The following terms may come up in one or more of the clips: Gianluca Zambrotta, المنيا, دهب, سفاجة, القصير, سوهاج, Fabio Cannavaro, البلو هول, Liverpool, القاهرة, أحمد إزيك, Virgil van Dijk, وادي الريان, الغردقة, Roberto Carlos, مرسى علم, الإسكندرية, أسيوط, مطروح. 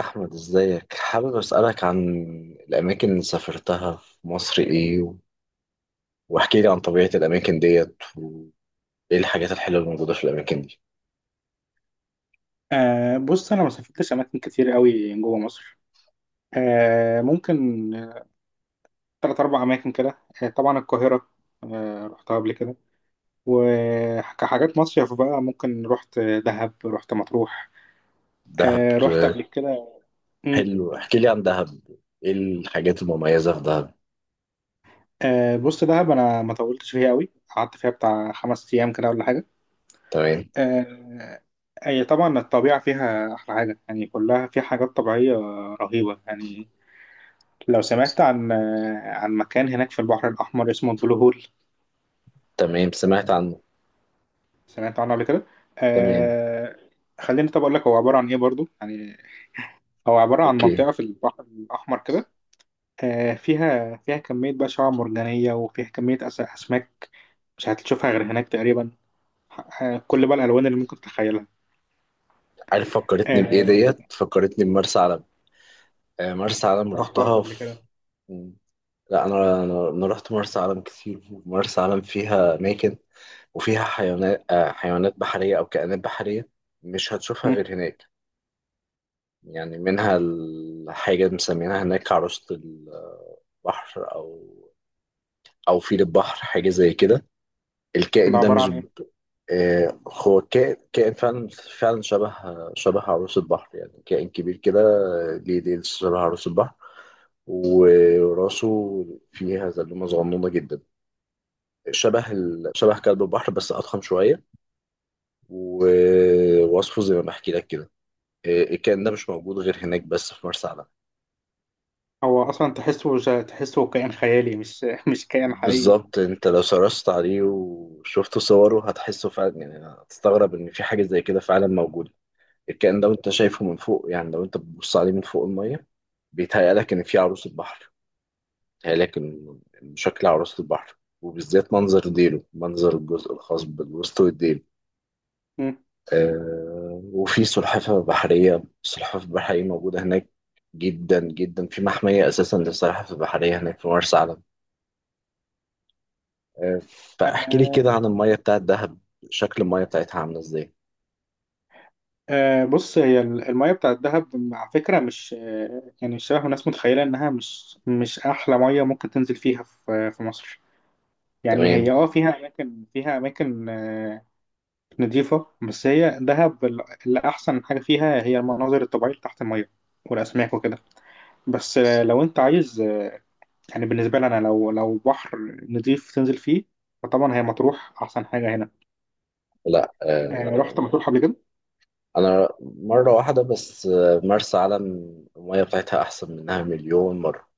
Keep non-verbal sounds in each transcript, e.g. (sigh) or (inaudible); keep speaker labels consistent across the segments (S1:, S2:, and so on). S1: أحمد، إزيك؟ حابب أسألك عن الأماكن اللي سافرتها في مصر إيه، واحكي لي عن طبيعة الأماكن ديت وإيه الحاجات الحلوة اللي موجودة في الأماكن دي.
S2: بص، انا ما سافرتش اماكن كتير قوي جوه مصر. ممكن آه، تلات اربع اماكن كده. طبعا القاهره، رحتها قبل كده. وكحاجات مصيف بقى ممكن رحت دهب، رحت مطروح.
S1: دهب،
S2: رحت
S1: آه.
S2: قبل كده. مم.
S1: حلو، احكي لي عن دهب، إيه الحاجات المميزة في دهب؟
S2: بص، دهب انا ما طولتش فيها قوي، قعدت فيها بتاع 5 ايام كده ولا حاجه.
S1: تمام.
S2: آه هي طبعا الطبيعه فيها احلى حاجه، يعني كلها في حاجات طبيعيه رهيبه يعني. لو سمعت عن مكان هناك في البحر الأحمر اسمه البلو هول،
S1: تمام، سمعت عنه.
S2: سمعت عنه قبل كده.
S1: تمام.
S2: آه خليني، طب اقول لك هو عباره عن ايه برضو يعني. هو عباره عن
S1: أوكي.
S2: منطقه في البحر الاحمر كده. فيها كميه بقى شعاب مرجانيه، وفيها كميه اسماك مش هتشوفها غير هناك تقريبا. كل بقى الالوان اللي ممكن تتخيلها.
S1: عارف فكرتني بإيه
S2: آه
S1: ديت؟ فكرتني بمرسى علم. آه، مرسى علم
S2: ما رحتهاش
S1: رحتها
S2: قبل
S1: في...
S2: كده.
S1: لا، أنا رحت مرسى علم كتير. مرسى علم فيها أماكن، وفيها حيوانات، حيوانات بحرية أو كائنات بحرية مش هتشوفها
S2: مم.
S1: غير هناك. يعني منها الحاجة اللي مسمينها هناك عروسة البحر، أو فيل البحر، حاجة زي كده.
S2: ده
S1: الكائن ده
S2: عباره
S1: مش...
S2: عن ايه؟
S1: آه، هو كائن فعلا، فعلا شبه عروس البحر، يعني كائن كبير كده، ليه ديل شبه عروس البحر، وراسه فيها زلومة صغنونة جدا، شبه كلب البحر بس أضخم شوية. ووصفه زي ما بحكي لك كده. الكائن ده مش موجود غير هناك بس في مرسى علم.
S2: هو اصلا تحسه كائن خيالي، مش (laughs) مش كائن حقيقي.
S1: بالظبط، انت لو سرشت عليه وشفت صوره هتحسه فعلا، يعني هتستغرب ان في حاجه زي كده فعلا موجوده. الكائن ده وانت شايفه من فوق، يعني لو انت بتبص عليه من فوق الميه، بيتهيألك ان في عروس البحر، بيتهيألك إن شكل عروس البحر، وبالذات منظر ديله، منظر الجزء الخاص بالوسط والديل.
S2: مم.
S1: وفي سلحفاه بحريه، السلحفاه البحريه موجوده هناك جدا جدا، في محميه اساسا للسلحفاه البحريه هناك في مرسى علم. فاحكي لي
S2: آه،
S1: كده عن المية بتاعت دهب، شكل المية بتاعتها عاملة ازاي؟
S2: آه، بص، هي المية بتاع الدهب على فكرة مش يعني شبه ما الناس متخيلة إنها مش أحلى مية ممكن تنزل فيها في مصر. يعني
S1: تمام.
S2: هي فيها أماكن نضيفة. بس هي دهب اللي أحسن حاجة فيها هي المناظر الطبيعية اللي تحت المية والأسماك وكده. بس لو أنت عايز يعني بالنسبة لي أنا لو بحر نضيف تنزل فيه، فطبعا هي مطروح أحسن حاجة هنا.
S1: لا آه،
S2: رحت مطروح قبل كده؟
S1: انا مرة واحدة بس. مرسى علم المية بتاعتها احسن منها مليون مرة،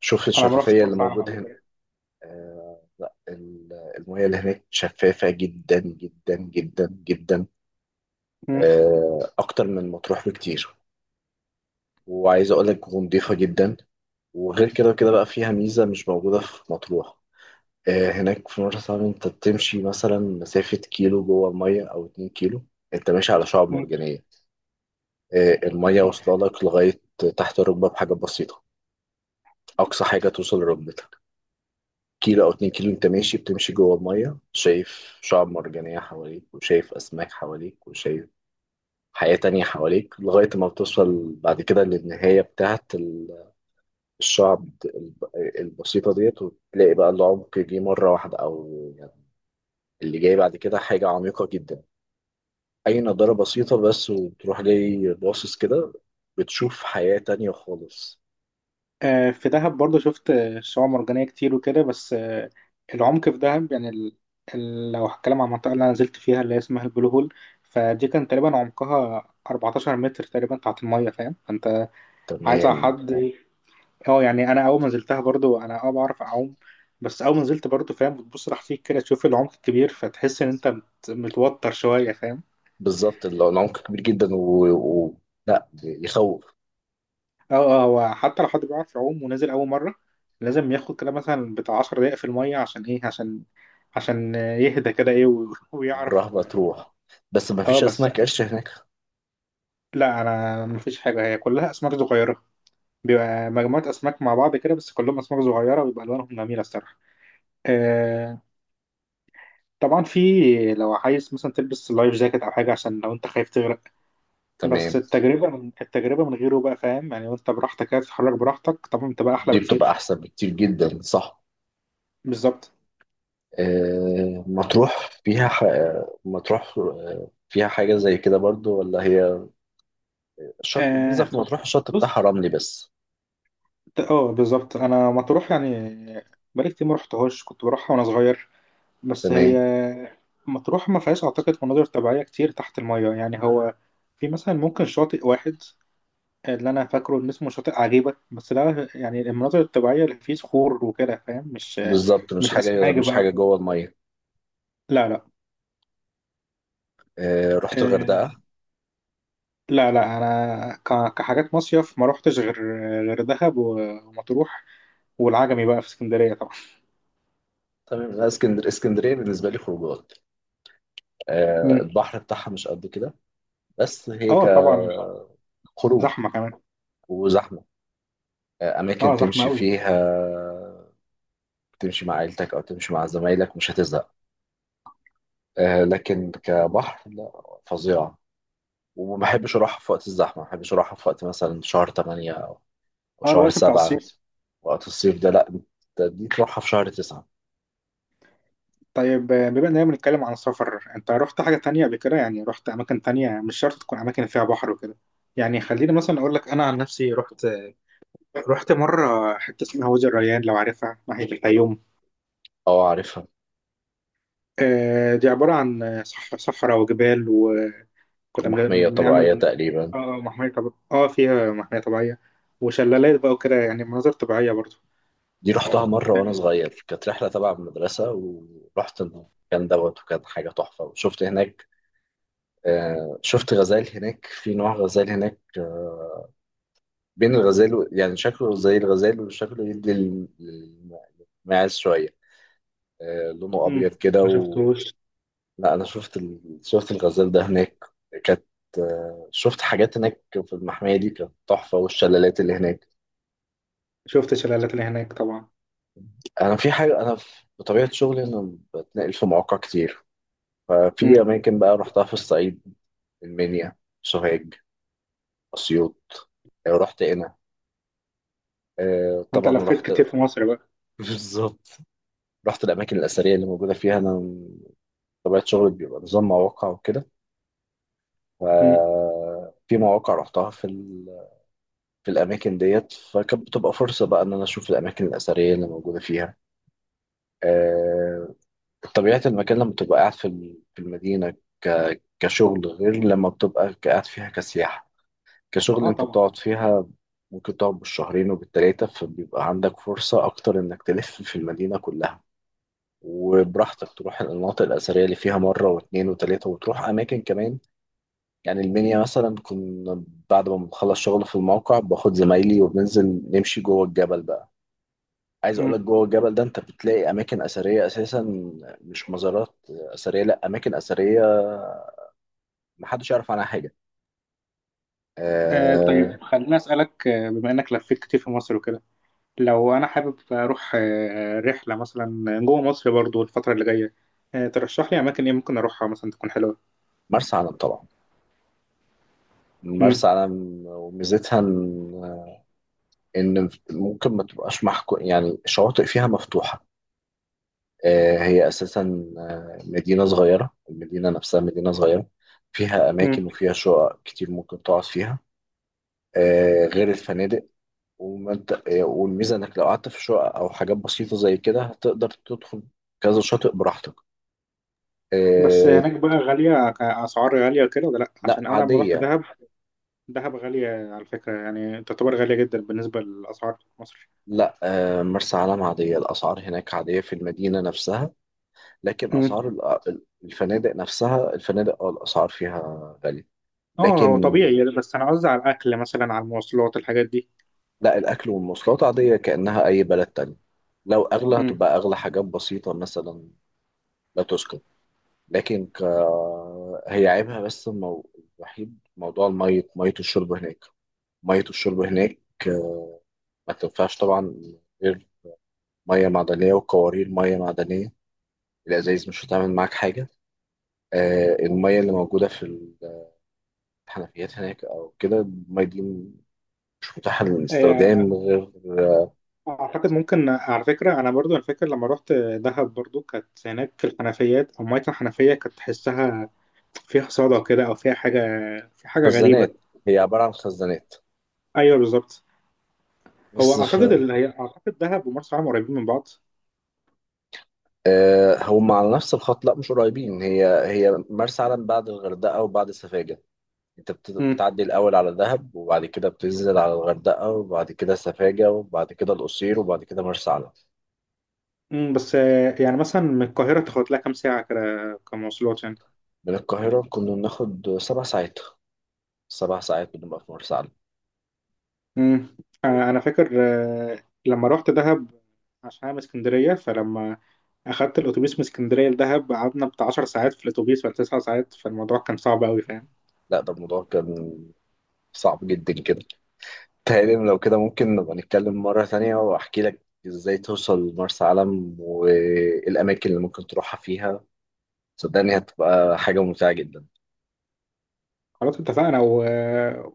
S1: شوف
S2: أنا ما رحتش
S1: الشفافية اللي
S2: مرسى علم
S1: موجودة
S2: قبل
S1: هنا.
S2: كده.
S1: آه، لا ال- المية اللي هناك شفافة جدا جدا جدا جدا.
S2: مم.
S1: اكتر من مطروح بكتير، وعايز اقول لك نضيفة جدا. وغير كده وكده بقى فيها ميزة مش موجودة في مطروح. هناك في مرسى علم انت بتمشي مثلا مسافة كيلو جوه المية او اتنين كيلو، انت ماشي على شعاب مرجانية. المية واصلة لك لغاية تحت الركبة بحاجة بسيطة، اقصى حاجة توصل لركبتك. كيلو او اتنين كيلو انت ماشي، بتمشي جوه المية شايف شعاب مرجانية حواليك، وشايف اسماك حواليك، وشايف حياة تانية حواليك، لغاية ما بتوصل بعد كده للنهاية بتاعت الشعب البسيطة ديت، وتلاقي بقى العمق جه مرة واحدة، أو يعني اللي جاي بعد كده حاجة عميقة جدا. اي نضاره بسيطه بس وتروح جاي باصص كده، بتشوف حياه تانية خالص.
S2: في دهب برضه شفت شعاب مرجانية كتير وكده، بس العمق في دهب يعني لو هتكلم عن المنطقة اللي أنا نزلت فيها اللي هي اسمها البلو هول، فدي كان تقريبا عمقها 14 متر تقريبا تحت المية، فاهم؟ فأنت عايز على
S1: تمام.
S2: حد. اه يعني أنا أول ما نزلتها برضه أنا بعرف أعوم، بس أول ما نزلت برضه، فاهم، بتبص تحتيك كده تشوف العمق الكبير، فتحس إن أنت متوتر شوية، فاهم؟
S1: بالظبط، العمق كبير جدا و... لا، يخوف.
S2: اه، اه، هو حتى لو حد بيعرف يعوم ونازل اول مره، لازم ياخد كده مثلا بتاع 10 دقائق في الميه. عشان ايه؟ عشان يهدى كده، ايه (laughs) ويعرف.
S1: والرهبه تروح. بس ما
S2: اه
S1: فيش
S2: بس
S1: اسماك قرش هناك؟
S2: لا انا مفيش حاجه، هي كلها اسماك صغيره. بيبقى مجموعه اسماك مع بعض كده، بس كلهم اسماك صغيره، ويبقى الوانهم جميله الصراحه. آه طبعا في، لو عايز مثلا تلبس لايف جاكيت او حاجه عشان لو انت خايف تغرق. بس
S1: تمام.
S2: التجربه من غيره بقى، فاهم يعني، وانت براحتك كده تتحرك براحتك طبعا بتبقى احلى
S1: دي بتبقى
S2: بكتير.
S1: احسن بكتير جدا، صح.
S2: بالظبط.
S1: آه... مطروح فيها ح... مطروح فيها حاجه زي كده برضو ولا هي الشط؟ الميزه
S2: آه
S1: في مطروح الشط بتاعها
S2: بص،
S1: رملي بس.
S2: اه، بالظبط. انا مطروح يعني بقالي كتير ما رحتهاش، كنت بروحها وانا صغير، بس هي
S1: تمام.
S2: مطروح ما فيهاش اعتقد مناظر طبيعيه كتير تحت الميه، يعني هو في مثلا ممكن شاطئ واحد اللي انا فاكره ان اسمه شاطئ عجيبه، بس ده يعني المناظر الطبيعيه اللي فيه صخور وكده، فاهم؟ مش
S1: بالظبط، مش
S2: مش
S1: حاجه،
S2: اسماك
S1: مش
S2: بقى
S1: حاجه
S2: وكده.
S1: جوه الميه.
S2: لا، لا،
S1: رحت
S2: آه،
S1: الغردقه؟
S2: لا، لا، انا كحاجات مصيف ما روحتش غير غير دهب ومطروح، والعجمي بقى في اسكندريه طبعا.
S1: تمام. لا، اسكندر اسكندريه بالنسبه لي خروجات.
S2: مم.
S1: البحر بتاعها مش قد كده. بس هي
S2: اه، طبعا،
S1: كخروج.
S2: زحمه كمان.
S1: وزحمه. اماكن
S2: اه، زحمة
S1: تمشي
S2: أوي.
S1: فيها، تمشي مع عيلتك او تمشي مع زمايلك، مش هتزهق. لكن كبحر لا، فظيعه. وما بحبش اروحها في وقت الزحمه، ما بحبش اروحها في وقت مثلا شهر 8 او أو
S2: اه،
S1: شهر
S2: الوقت بتاع
S1: 7.
S2: الصيف.
S1: وقت الصيف ده لا، أنت دي تروحها في شهر 9.
S2: طيب، بما إننا بنتكلم عن السفر، أنت رحت حاجة تانية قبل كده؟ يعني رحت أماكن تانية مش شرط تكون أماكن فيها بحر وكده. يعني خليني مثلا أقول لك أنا عن نفسي، رحت مرة حتة اسمها وادي الريان، لو عارفها ناحية الفيوم.
S1: اه عارفها.
S2: دي عبارة عن صحراء وجبال، وكنا
S1: ومحميه طبيعيه
S2: بنعمل،
S1: تقريبا.
S2: اه، محمية طبيعية، اه، فيها محمية طبيعية وشلالات بقى وكده، يعني مناظر طبيعية برضو
S1: دي رحتها مرة وأنا
S2: يعني.
S1: صغير، كانت رحلة تبع المدرسة، ورحت المكان دوت وكان حاجة تحفة. وشفت هناك شفت غزال هناك، في نوع غزال هناك، بين الغزال يعني شكله زي الغزال، وشكله يدي للماعز شوية. لونه
S2: مم.
S1: أبيض كده.
S2: ما
S1: و...
S2: شفتوش.
S1: لا، أنا شفت... ال... شفت الغزال ده هناك. كانت... شفت حاجات هناك في المحمية دي كانت تحفة، والشلالات اللي هناك.
S2: شفت الشلالات اللي هناك طبعا.
S1: أنا في حاجة أنا في- بطبيعة شغلي أنا بتنقل في مواقع كتير، ففي
S2: مم.
S1: أماكن بقى رحتها في الصعيد: المنيا، سوهاج، أسيوط. رحت هنا،
S2: انت
S1: طبعا
S2: لفيت
S1: رحت.
S2: كتير في مصر بقى.
S1: (laughs) بالظبط. رحت الأماكن الأثرية اللي موجودة فيها. أنا طبيعة شغلي بيبقى نظام مواقع وكده،
S2: مم.
S1: ففي مواقع رحتها في الأماكن ديت، فكانت بتبقى فرصة بقى إن أنا أشوف الأماكن الأثرية اللي موجودة فيها. آه، طبيعة المكان لما بتبقى قاعد في المدينة كشغل، غير لما بتبقى قاعد فيها كسياحة. كشغل
S2: اه،
S1: انت
S2: طبعا.
S1: بتقعد فيها ممكن تقعد بالشهرين وبالتلاتة، فبيبقى عندك فرصة أكتر إنك تلف في المدينة كلها، وبراحتك تروح المناطق الأثرية اللي فيها مرة واتنين وتلاتة، وتروح أماكن كمان. يعني المنيا مثلا، كنا بعد ما بنخلص شغل في الموقع باخد زمايلي وبننزل نمشي جوه الجبل بقى. عايز أقولك
S2: مم.
S1: جوه الجبل ده أنت بتلاقي أماكن أثرية أساسا، مش مزارات أثرية لأ، أماكن أثرية محدش يعرف عنها حاجة. آه،
S2: طيب خليني اسالك، بما انك لفيت كتير في مصر وكده، لو انا حابب اروح رحله مثلا جوه مصر برضو الفتره اللي جايه، ترشح لي اماكن ايه ممكن اروحها مثلا تكون حلوه؟
S1: مرسى علم طبعا.
S2: مم.
S1: مرسى علم وميزتها ان ممكن ما تبقاش محكو، يعني الشواطئ فيها مفتوحة. آه، هي أساسا آه، مدينة صغيرة، المدينة نفسها مدينة صغيرة، فيها أماكن
S2: مم.
S1: وفيها شقق كتير ممكن تقعد فيها غير الفنادق. وما انت- آه، والميزة إنك لو قعدت في شقق أو حاجات بسيطة زي كده، هتقدر تدخل كذا شاطئ براحتك.
S2: بس
S1: آه،
S2: هناك بقى غاليه، كاسعار غاليه وكده ولا لا؟
S1: لا
S2: عشان انا لما رحت
S1: عادية.
S2: دهب، دهب غاليه على فكره، يعني تعتبر غاليه جدا بالنسبه للاسعار في مصر.
S1: لا، مرسى علم عادية، الأسعار هناك عادية في المدينة نفسها، لكن
S2: مم.
S1: اسعار الفنادق نفسها، الفنادق اه الاسعار فيها غاليه.
S2: اه، هو
S1: لكن...
S2: طبيعي، بس انا قصدي على الاكل مثلا، على المواصلات الحاجات دي.
S1: لا الاكل والمواصلات عاديه كانها اي بلد تاني، لو اغلى
S2: مم.
S1: هتبقى اغلى حاجات بسيطه مثلا، لا تذكر. لكن ك... هي عيبها الوحيد موضوع المية، مية الشرب هناك. مية الشرب هناك ما تنفعش طبعا غير مية معدنية، وقوارير مية معدنية. الأزايز مش هتعمل معاك حاجة. آه المية اللي موجودة في الحنفيات هناك أو كده، المية دي مش متاحة للاستخدام غير...
S2: اعتقد ممكن على فكره، انا برضو، أنا فاكر لما رحت دهب برضو كانت هناك الحنفيات او ميه الحنفيه، كانت تحسها فيها صدى كده او فيها حاجه، في حاجه
S1: خزانات،
S2: غريبه.
S1: هي عبارة عن خزانات.
S2: ايوه، بالظبط. هو
S1: بس ف...
S2: اعتقد اللي هي اعتقد دهب ومرسى علم قريبين من بعض.
S1: آه، هم على نفس الخط. لا مش قريبين، هي هي مرسى علم بعد الغردقة وبعد سفاجة. انت
S2: امم
S1: بتعدي الأول على دهب، وبعد كده بتنزل على الغردقة، وبعد كده سفاجة، وبعد كده القصير، وبعد كده مرسى علم.
S2: بس يعني مثلا من القاهره تاخد لها كام ساعه كده، كمواصلات يعني.
S1: من القاهرة كنا بناخد سبع ساعات، سبع ساعات كنا بنبقى في مرسى علم.
S2: امم انا فاكر، لما رحت دهب عشان انا من اسكندريه، فلما اخدت الاتوبيس من اسكندريه لدهب قعدنا بتاع 10 ساعات في الاتوبيس ولا 9 ساعات، فالموضوع كان صعب قوي، فاهم.
S1: لا ده الموضوع كان صعب جدا كده. تهيألي لو كده ممكن نبقى نتكلم مرة تانية، وأحكي لك إزاي توصل مرسى علم والأماكن اللي ممكن تروحها فيها، صدقني هتبقى حاجة ممتعة جدا.
S2: خلاص، اتفقنا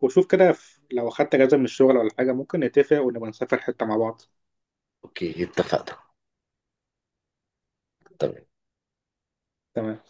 S2: وشوف كده، لو اخدت اجازه من الشغل ولا حاجه ممكن نتفق ونبقى نسافر حته مع بعض.
S1: أوكي اتفقنا. تمام.
S2: تمام.